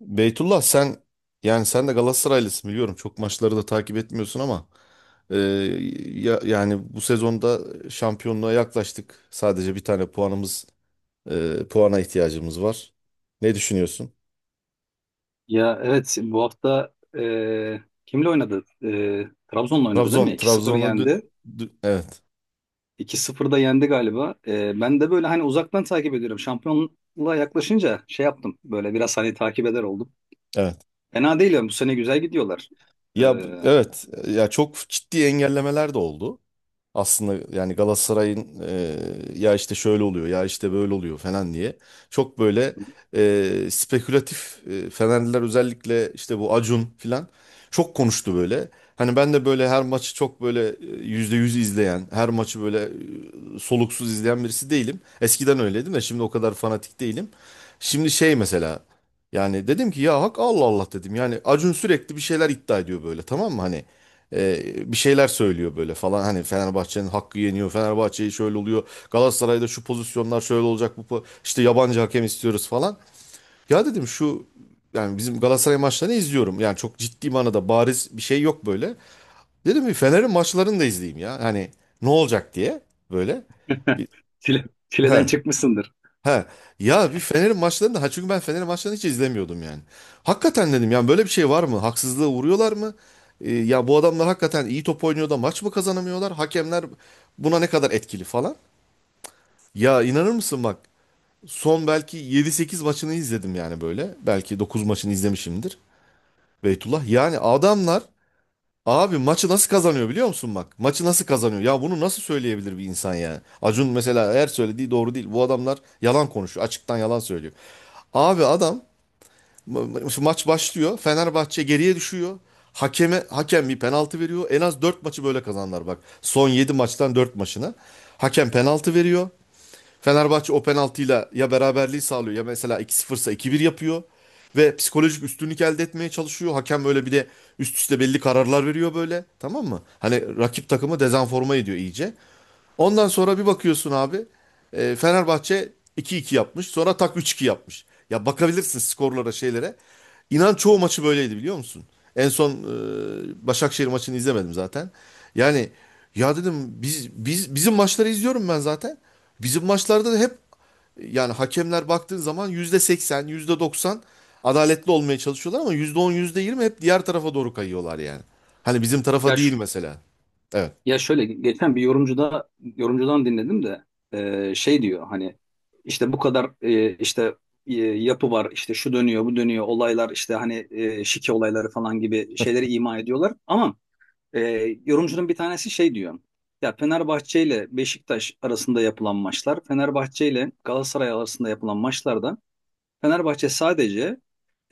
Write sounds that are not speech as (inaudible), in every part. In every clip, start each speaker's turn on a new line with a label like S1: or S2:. S1: Beytullah, sen yani sen de Galatasaraylısın biliyorum. Çok maçları da takip etmiyorsun ama yani bu sezonda şampiyonluğa yaklaştık. Sadece bir tane puanımız, puana ihtiyacımız var. Ne düşünüyorsun?
S2: Ya, evet, bu hafta kimle oynadı? Trabzon'la oynadı değil mi?
S1: Trabzon
S2: 2 sıfır
S1: Trabzon'a dü-
S2: yendi.
S1: dü- evet,
S2: 2-0 da yendi galiba. Ben de böyle hani uzaktan takip ediyorum. Şampiyonluğa yaklaşınca şey yaptım. Böyle biraz hani takip eder oldum.
S1: evet.
S2: Fena değil yani bu sene güzel gidiyorlar. E,
S1: Evet. Ya çok ciddi engellemeler de oldu. Aslında yani Galatasaray'ın, ya işte şöyle oluyor ya işte böyle oluyor falan diye, çok böyle spekülatif, Fenerliler özellikle işte bu Acun falan çok konuştu böyle. Hani ben de böyle her maçı çok böyle, %100 izleyen, her maçı böyle soluksuz izleyen birisi değilim. Eskiden öyleydim de şimdi o kadar fanatik değilim. Şimdi şey, mesela yani dedim ki, ya hak, Allah Allah dedim. Yani Acun sürekli bir şeyler iddia ediyor böyle, tamam mı, hani? Bir şeyler söylüyor böyle falan, hani Fenerbahçe'nin hakkı yeniyor, Fenerbahçe'yi şöyle oluyor, Galatasaray'da şu pozisyonlar şöyle olacak, işte yabancı hakem istiyoruz falan. Ya dedim şu, yani bizim Galatasaray maçlarını izliyorum, yani çok ciddi manada bariz bir şey yok böyle. Dedim bir Fener'in maçlarını da izleyeyim, ya hani ne olacak diye, böyle.
S2: (laughs)
S1: Bir-
S2: çileden
S1: he.
S2: çıkmışsındır.
S1: He. Ya bir Fener'in maçlarını da, ha, çünkü ben Fener'in maçlarını hiç izlemiyordum yani. Hakikaten dedim, yani böyle bir şey var mı? Haksızlığa uğruyorlar mı? Ya bu adamlar hakikaten iyi top oynuyor da maç mı kazanamıyorlar? Hakemler buna ne kadar etkili falan? Ya inanır mısın bak, son belki yedi sekiz maçını izledim yani böyle. Belki 9 maçını izlemişimdir. Beytullah, yani adamlar... Abi, maçı nasıl kazanıyor biliyor musun bak? Maçı nasıl kazanıyor? Ya bunu nasıl söyleyebilir bir insan yani? Acun mesela, eğer söylediği doğru değil. Bu adamlar yalan konuşuyor. Açıktan yalan söylüyor. Abi adam, ma- maç başlıyor. Fenerbahçe geriye düşüyor. Hakem bir penaltı veriyor. En az 4 maçı böyle kazanlar bak. Son 7 maçtan 4 maçına. Hakem penaltı veriyor. Fenerbahçe o penaltıyla ya beraberliği sağlıyor, ya mesela 2-0 ise 2-1 yapıyor. Ve psikolojik üstünlük elde etmeye çalışıyor. Hakem böyle bir de üst üste belli kararlar veriyor böyle. Tamam mı? Hani rakip takımı dezenforma ediyor iyice. Ondan sonra bir bakıyorsun abi, Fenerbahçe 2-2 yapmış. Sonra tak, 3-2 yapmış. Ya bakabilirsin skorlara, şeylere. İnan çoğu maçı böyleydi biliyor musun? En son, Başakşehir maçını izlemedim zaten. Yani ya dedim, bizim maçları izliyorum ben zaten. Bizim maçlarda da hep, yani hakemler baktığın zaman %80 yüzde doksan adaletli olmaya çalışıyorlar, ama %10 yüzde yirmi hep diğer tarafa doğru kayıyorlar yani. Hani bizim tarafa
S2: Ya
S1: değil
S2: şu,
S1: mesela. Evet,
S2: Ya şöyle geçen bir yorumcudan dinledim de şey diyor hani işte bu kadar işte yapı var, işte şu dönüyor, bu dönüyor, olaylar işte, hani şike olayları falan gibi şeyleri ima ediyorlar, ama e, yorumcunun bir tanesi şey diyor: ya Fenerbahçe ile Beşiktaş arasında yapılan maçlar, Fenerbahçe ile Galatasaray arasında yapılan maçlarda Fenerbahçe sadece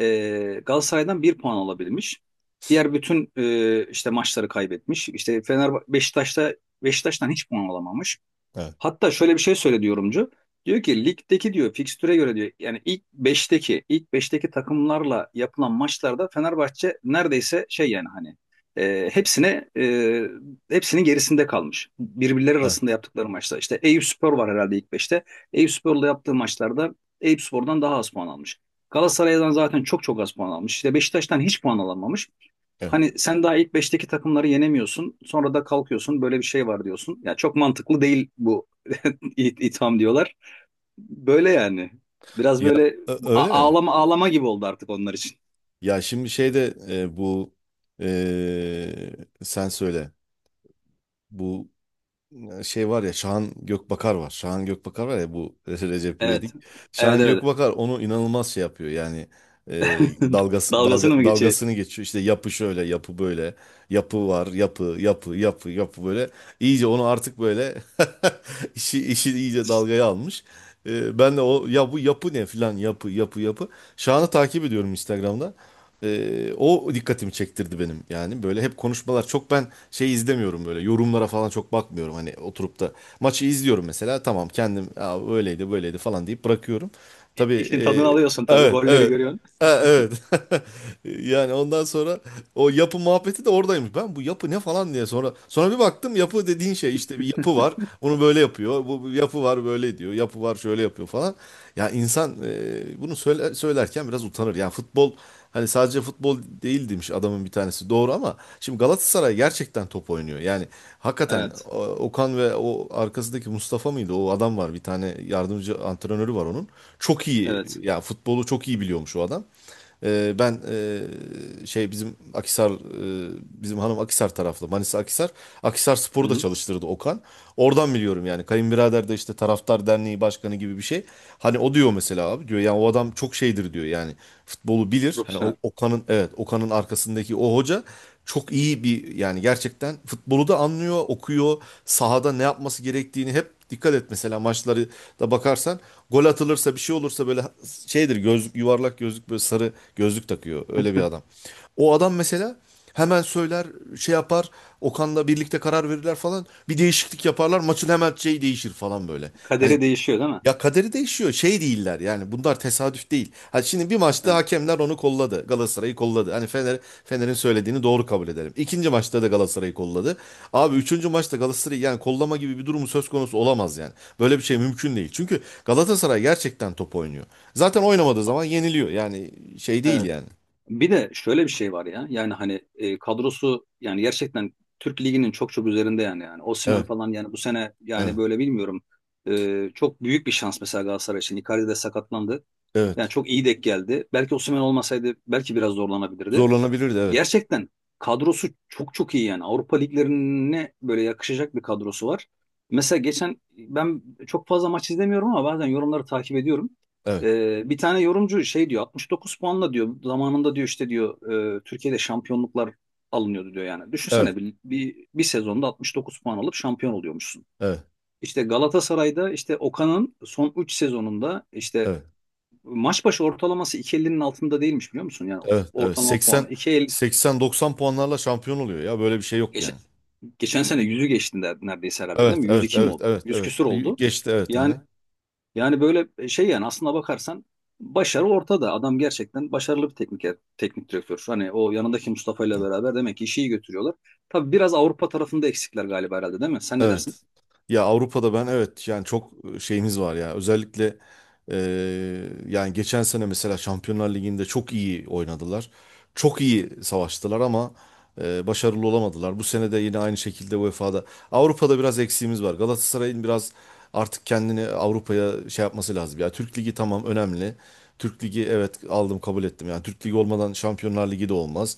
S2: Galatasaray'dan bir puan alabilmiş. Diğer bütün işte maçları kaybetmiş. İşte Fener Beşiktaş'ta, Beşiktaş'tan hiç puan alamamış.
S1: evet,
S2: Hatta şöyle bir şey söyledi yorumcu. Diyor ki ligdeki, diyor, fikstüre göre, diyor, yani ilk beşteki, ilk beşteki takımlarla yapılan maçlarda Fenerbahçe neredeyse şey, yani hani e, hepsine e, hepsinin gerisinde kalmış. Birbirleri arasında
S1: evet,
S2: yaptıkları maçta. İşte Eyüpspor var herhalde ilk 5'te. Eyüpspor'la yaptığı maçlarda Eyüpspor'dan daha az puan almış. Galatasaray'dan zaten çok çok az puan almış. İşte Beşiktaş'tan hiç puan alamamış.
S1: evet.
S2: Hani sen daha ilk beşteki takımları yenemiyorsun. Sonra da kalkıyorsun, böyle bir şey var diyorsun. Ya çok mantıklı değil bu. İ- itham diyorlar. Böyle yani. Biraz
S1: Ya
S2: böyle a-
S1: öyle mi?
S2: ağlama ağlama gibi oldu artık onlar için.
S1: Ya şimdi şeyde, bu, e, sen söyle. Bu... şey var ya, Şahan Gökbakar var. Şahan Gökbakar var ya bu (laughs) Recep
S2: Evet.
S1: İvedik.
S2: Evet,
S1: Şahan
S2: evet.
S1: Gökbakar onu inanılmaz şey yapıyor yani, e,
S2: (laughs) Dalgasını mı geçiyor?
S1: dalgasını geçiyor. İşte yapı şöyle, yapı böyle, yapı var, yapı, yapı, yapı, yapı böyle. İyice onu artık böyle (laughs) işi iyice dalgaya almış. Ben de o, ya bu yapı ne filan, yapı, yapı, yapı. Şahan'ı takip ediyorum Instagram'da. O dikkatimi çektirdi benim yani, böyle hep konuşmalar çok, ben şey izlemiyorum böyle, yorumlara falan çok bakmıyorum, hani oturup da maçı izliyorum mesela, tamam kendim "Aa, öyleydi böyleydi" falan deyip bırakıyorum,
S2: İ-
S1: tabii.
S2: İşin tadını alıyorsun tabii.
S1: Evet,
S2: Golleri
S1: evet.
S2: görüyorsun.
S1: Ha, evet. (laughs) Yani ondan sonra, o yapı muhabbeti de oradaymış, ben bu yapı ne falan diye sonra bir baktım, yapı dediğin şey işte bir yapı var, onu böyle yapıyor, bu yapı var böyle, diyor yapı var, şöyle yapıyor falan. Ya insan, bunu söylerken biraz utanır ya, futbol... Hani sadece futbol değil demiş adamın bir tanesi. Doğru, ama şimdi Galatasaray gerçekten top oynuyor. Yani hakikaten
S2: Evet.
S1: Okan ve o arkasındaki Mustafa mıydı? O adam var. Bir tane yardımcı antrenörü var onun. Çok iyi.
S2: Evet.
S1: Ya futbolu çok iyi biliyormuş o adam. Ben, şey bizim Akisar, bizim hanım Akisar taraflı, Manisa Akisar Spor'u da
S2: Hı-hı.
S1: çalıştırdı Okan. Oradan biliyorum yani, kayınbirader de işte taraftar derneği başkanı gibi bir şey. Hani o diyor mesela, abi diyor. Yani o adam çok şeydir, diyor. Yani futbolu bilir. Hani o
S2: Profesyonel.
S1: Okan'ın, evet, Okan'ın arkasındaki o hoca çok iyi bir, yani gerçekten futbolu da anlıyor, okuyor. Sahada ne yapması gerektiğini hep, dikkat et mesela maçları da bakarsan, gol atılırsa bir şey olursa böyle şeydir, gözlük, yuvarlak gözlük böyle, sarı gözlük takıyor, öyle bir adam. O adam mesela hemen söyler, şey yapar, Okan'la birlikte karar verirler falan, bir değişiklik yaparlar, maçın hemen şey değişir falan böyle. Hani
S2: Kaderi değişiyor değil mi?
S1: ya, kaderi değişiyor. Şey değiller yani. Bunlar tesadüf değil. Ha şimdi bir maçta
S2: Evet.
S1: hakemler onu kolladı. Galatasaray'ı kolladı. Hani Fener'in söylediğini doğru kabul edelim. İkinci maçta da Galatasaray'ı kolladı. Abi, üçüncü maçta Galatasaray'ı yani, kollama gibi bir durumu söz konusu olamaz yani. Böyle bir şey mümkün değil. Çünkü Galatasaray gerçekten top oynuyor. Zaten oynamadığı
S2: A-
S1: zaman yeniliyor. Yani şey değil
S2: Evet.
S1: yani.
S2: Bir de şöyle bir şey var ya. Yani hani kadrosu yani gerçekten Türk Ligi'nin çok çok üzerinde yani. Yani Osimhen
S1: Evet,
S2: falan yani bu sene yani
S1: evet,
S2: böyle bilmiyorum. Çok büyük bir şans mesela Galatasaray için. Icardi de sakatlandı. Yani
S1: evet.
S2: çok iyi denk geldi. Belki Osimhen olmasaydı belki biraz zorlanabilirdi.
S1: Zorlanabilirdi, evet.
S2: Gerçekten kadrosu çok çok iyi yani. Avrupa liglerine böyle yakışacak bir kadrosu var. Mesela geçen ben çok fazla maç izlemiyorum ama bazen yorumları takip ediyorum.
S1: Evet,
S2: Bir tane yorumcu şey diyor, 69 puanla, diyor, zamanında, diyor, işte, diyor, Türkiye'de şampiyonluklar alınıyordu, diyor yani.
S1: evet,
S2: Düşünsene, bir sezonda 69 puan alıp şampiyon oluyormuşsun.
S1: evet,
S2: İşte Galatasaray'da işte Okan'ın son 3 sezonunda işte
S1: evet,
S2: maç başı ortalaması 2,50'nin altında değilmiş, biliyor musun? Yani
S1: evet, evet.
S2: ortalama puanı
S1: 80
S2: 2,50.
S1: 80-90 puanlarla şampiyon oluyor ya. Böyle bir şey yok
S2: geçen,
S1: yani.
S2: geçen sene 100'ü geçti, neredeyse herhalde, değil
S1: Evet,
S2: mi? Yüz
S1: evet,
S2: iki mi
S1: evet,
S2: oldu?
S1: evet,
S2: 100
S1: evet.
S2: küsur oldu.
S1: Geçti, evet.
S2: Yani
S1: Aha.
S2: yani böyle şey, yani aslına bakarsan başarı ortada. Adam gerçekten başarılı bir teknik direktör. Hani o yanındaki Mustafa ile beraber demek ki işi iyi götürüyorlar. Tabii biraz Avrupa tarafında eksikler galiba herhalde, değil mi? Sen ne dersin?
S1: Evet. Ya Avrupa'da ben, evet yani çok şeyimiz var ya. Özellikle yani geçen sene mesela Şampiyonlar Ligi'nde çok iyi oynadılar. Çok iyi savaştılar, ama başarılı olamadılar. Bu sene de yine aynı şekilde UEFA'da. Avrupa'da biraz eksiğimiz var. Galatasaray'ın biraz artık kendini Avrupa'ya şey yapması lazım. Ya, Türk Ligi tamam, önemli. Türk Ligi evet, aldım, kabul ettim. Yani Türk Ligi olmadan Şampiyonlar Ligi de olmaz.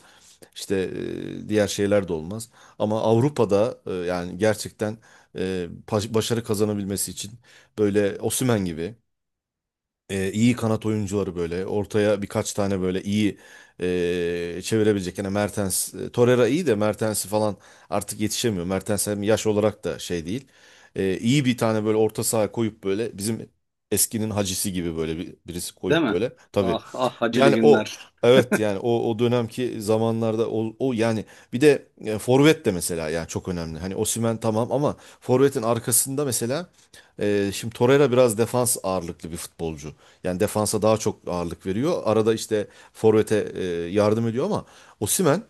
S1: İşte, diğer şeyler de olmaz. Ama Avrupa'da, yani gerçekten, başarı kazanabilmesi için böyle Osimhen gibi, iyi kanat oyuncuları böyle ortaya birkaç tane böyle iyi, çevirebilecek. Yani Mertens, Torreira iyi de, Mertens'i falan artık yetişemiyor. Mertens hem yaş olarak da şey değil. İyi bir tane böyle orta saha koyup böyle, bizim eskinin hacisi gibi böyle birisi
S2: Değil
S1: koyup
S2: mi?
S1: böyle. Tabii.
S2: Ah ah, Hacılı
S1: Yani o,
S2: günler.
S1: evet yani, o dönemki zamanlarda o yani, bir de, forvet de mesela yani çok önemli. Hani Osimhen tamam ama forvetin arkasında mesela, şimdi Torreira biraz defans ağırlıklı bir futbolcu. Yani defansa daha çok ağırlık veriyor. Arada işte forvete, yardım ediyor, ama Osimhen,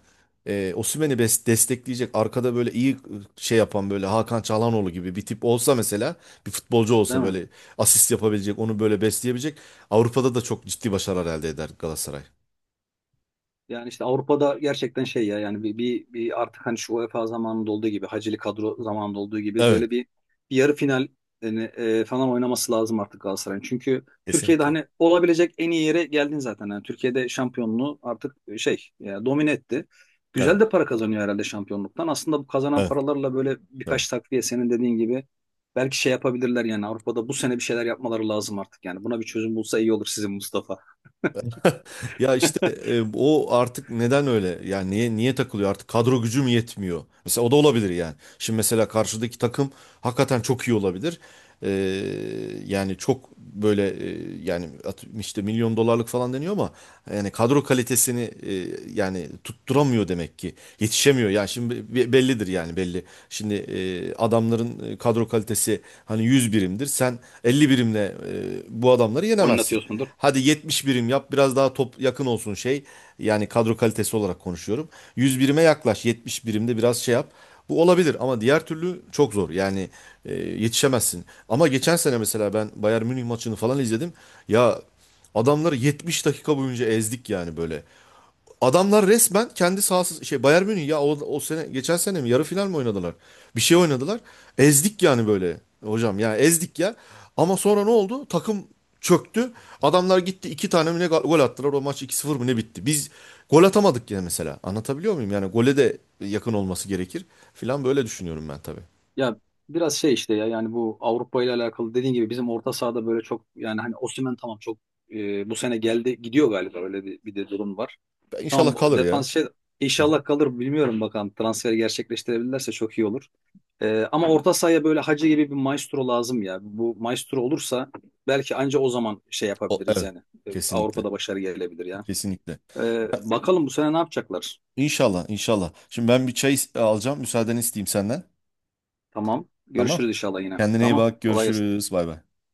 S1: Osimhen'i destekleyecek arkada böyle iyi, şey yapan böyle Hakan Çalhanoğlu gibi bir tip olsa mesela, bir futbolcu
S2: Değil
S1: olsa
S2: mi?
S1: böyle, asist yapabilecek, onu böyle besleyebilecek, Avrupa'da da çok ciddi başarılar elde eder Galatasaray.
S2: Yani işte Avrupa'da gerçekten şey ya, yani bir artık, hani şu UEFA zamanında olduğu gibi, Hacili kadro zamanında olduğu gibi, böyle
S1: Evet.
S2: bir yarı final yani, falan oynaması lazım artık Galatasaray'ın. Çünkü Türkiye'de
S1: Kesinlikle.
S2: hani olabilecek en iyi yere geldin zaten. Yani Türkiye'de şampiyonluğu artık şey, domine etti. Güzel
S1: Evet.
S2: de para kazanıyor herhalde şampiyonluktan. Aslında bu kazanan
S1: Evet.
S2: paralarla böyle
S1: Tamam.
S2: birkaç takviye, senin dediğin gibi, belki şey yapabilirler yani. Avrupa'da bu sene bir şeyler yapmaları lazım artık. Yani buna bir çözüm bulsa iyi olur sizin Mustafa.
S1: Ya işte,
S2: (laughs)
S1: o artık neden öyle? Yani niye takılıyor artık? Kadro gücü mü yetmiyor? Mesela o da olabilir yani. Şimdi mesela karşıdaki takım hakikaten çok iyi olabilir. E, yani çok böyle, yani işte milyon dolarlık falan deniyor ama, yani kadro kalitesini, yani tutturamıyor demek ki. Yetişemiyor. Yani şimdi bellidir yani, belli. Şimdi, adamların, kadro kalitesi hani 100 birimdir. Sen 50 birimle, bu adamları yenemezsin.
S2: Oynatıyorsundur.
S1: Hadi 70 birim yap, biraz daha top yakın olsun şey. Yani kadro kalitesi olarak konuşuyorum. 100 birime yaklaş, 70 birimde biraz şey yap. Bu olabilir, ama diğer türlü çok zor. Yani, yetişemezsin. Ama geçen sene mesela ben Bayern Münih maçını falan izledim. Ya, adamları 70 dakika boyunca ezdik yani böyle. Adamlar resmen kendi sahası, şey, Bayern Münih, ya o sene, geçen sene mi yarı final mi oynadılar? Bir şey oynadılar. Ezdik yani böyle hocam, ya ezdik ya. Ama sonra ne oldu? Takım çöktü. Adamlar gitti, iki tane mi ne gol attılar. O maç 2-0 mı ne bitti. Biz gol atamadık yine mesela. Anlatabiliyor muyum? Yani gole de yakın olması gerekir filan böyle düşünüyorum ben, tabii.
S2: Ya biraz şey işte, ya yani bu Avrupa ile alakalı, dediğin gibi bizim orta sahada böyle çok, yani hani Osimhen tamam, çok bu sene geldi gidiyor galiba, öyle bir de durum var.
S1: Ben
S2: Tamam,
S1: İnşallah
S2: o
S1: kalır ya.
S2: defans şey,
S1: Hı hı.
S2: inşallah kalır, bilmiyorum, bakalım transferi gerçekleştirebilirlerse çok iyi olur. Ama orta sahaya böyle Hacı gibi bir maestro lazım ya. Bu maestro olursa belki anca o zaman şey
S1: O,
S2: yapabiliriz
S1: evet.
S2: yani. E,
S1: Kesinlikle.
S2: Avrupa'da başarı gelebilir ya.
S1: Kesinlikle.
S2: Bakalım bu sene ne yapacaklar?
S1: İnşallah, inşallah. Şimdi ben bir çay alacağım. Müsaadeni isteyeyim senden.
S2: Tamam,
S1: Tamam.
S2: görüşürüz inşallah yine.
S1: Kendine iyi
S2: Tamam,
S1: bak.
S2: kolay gelsin.
S1: Görüşürüz. Bay bay.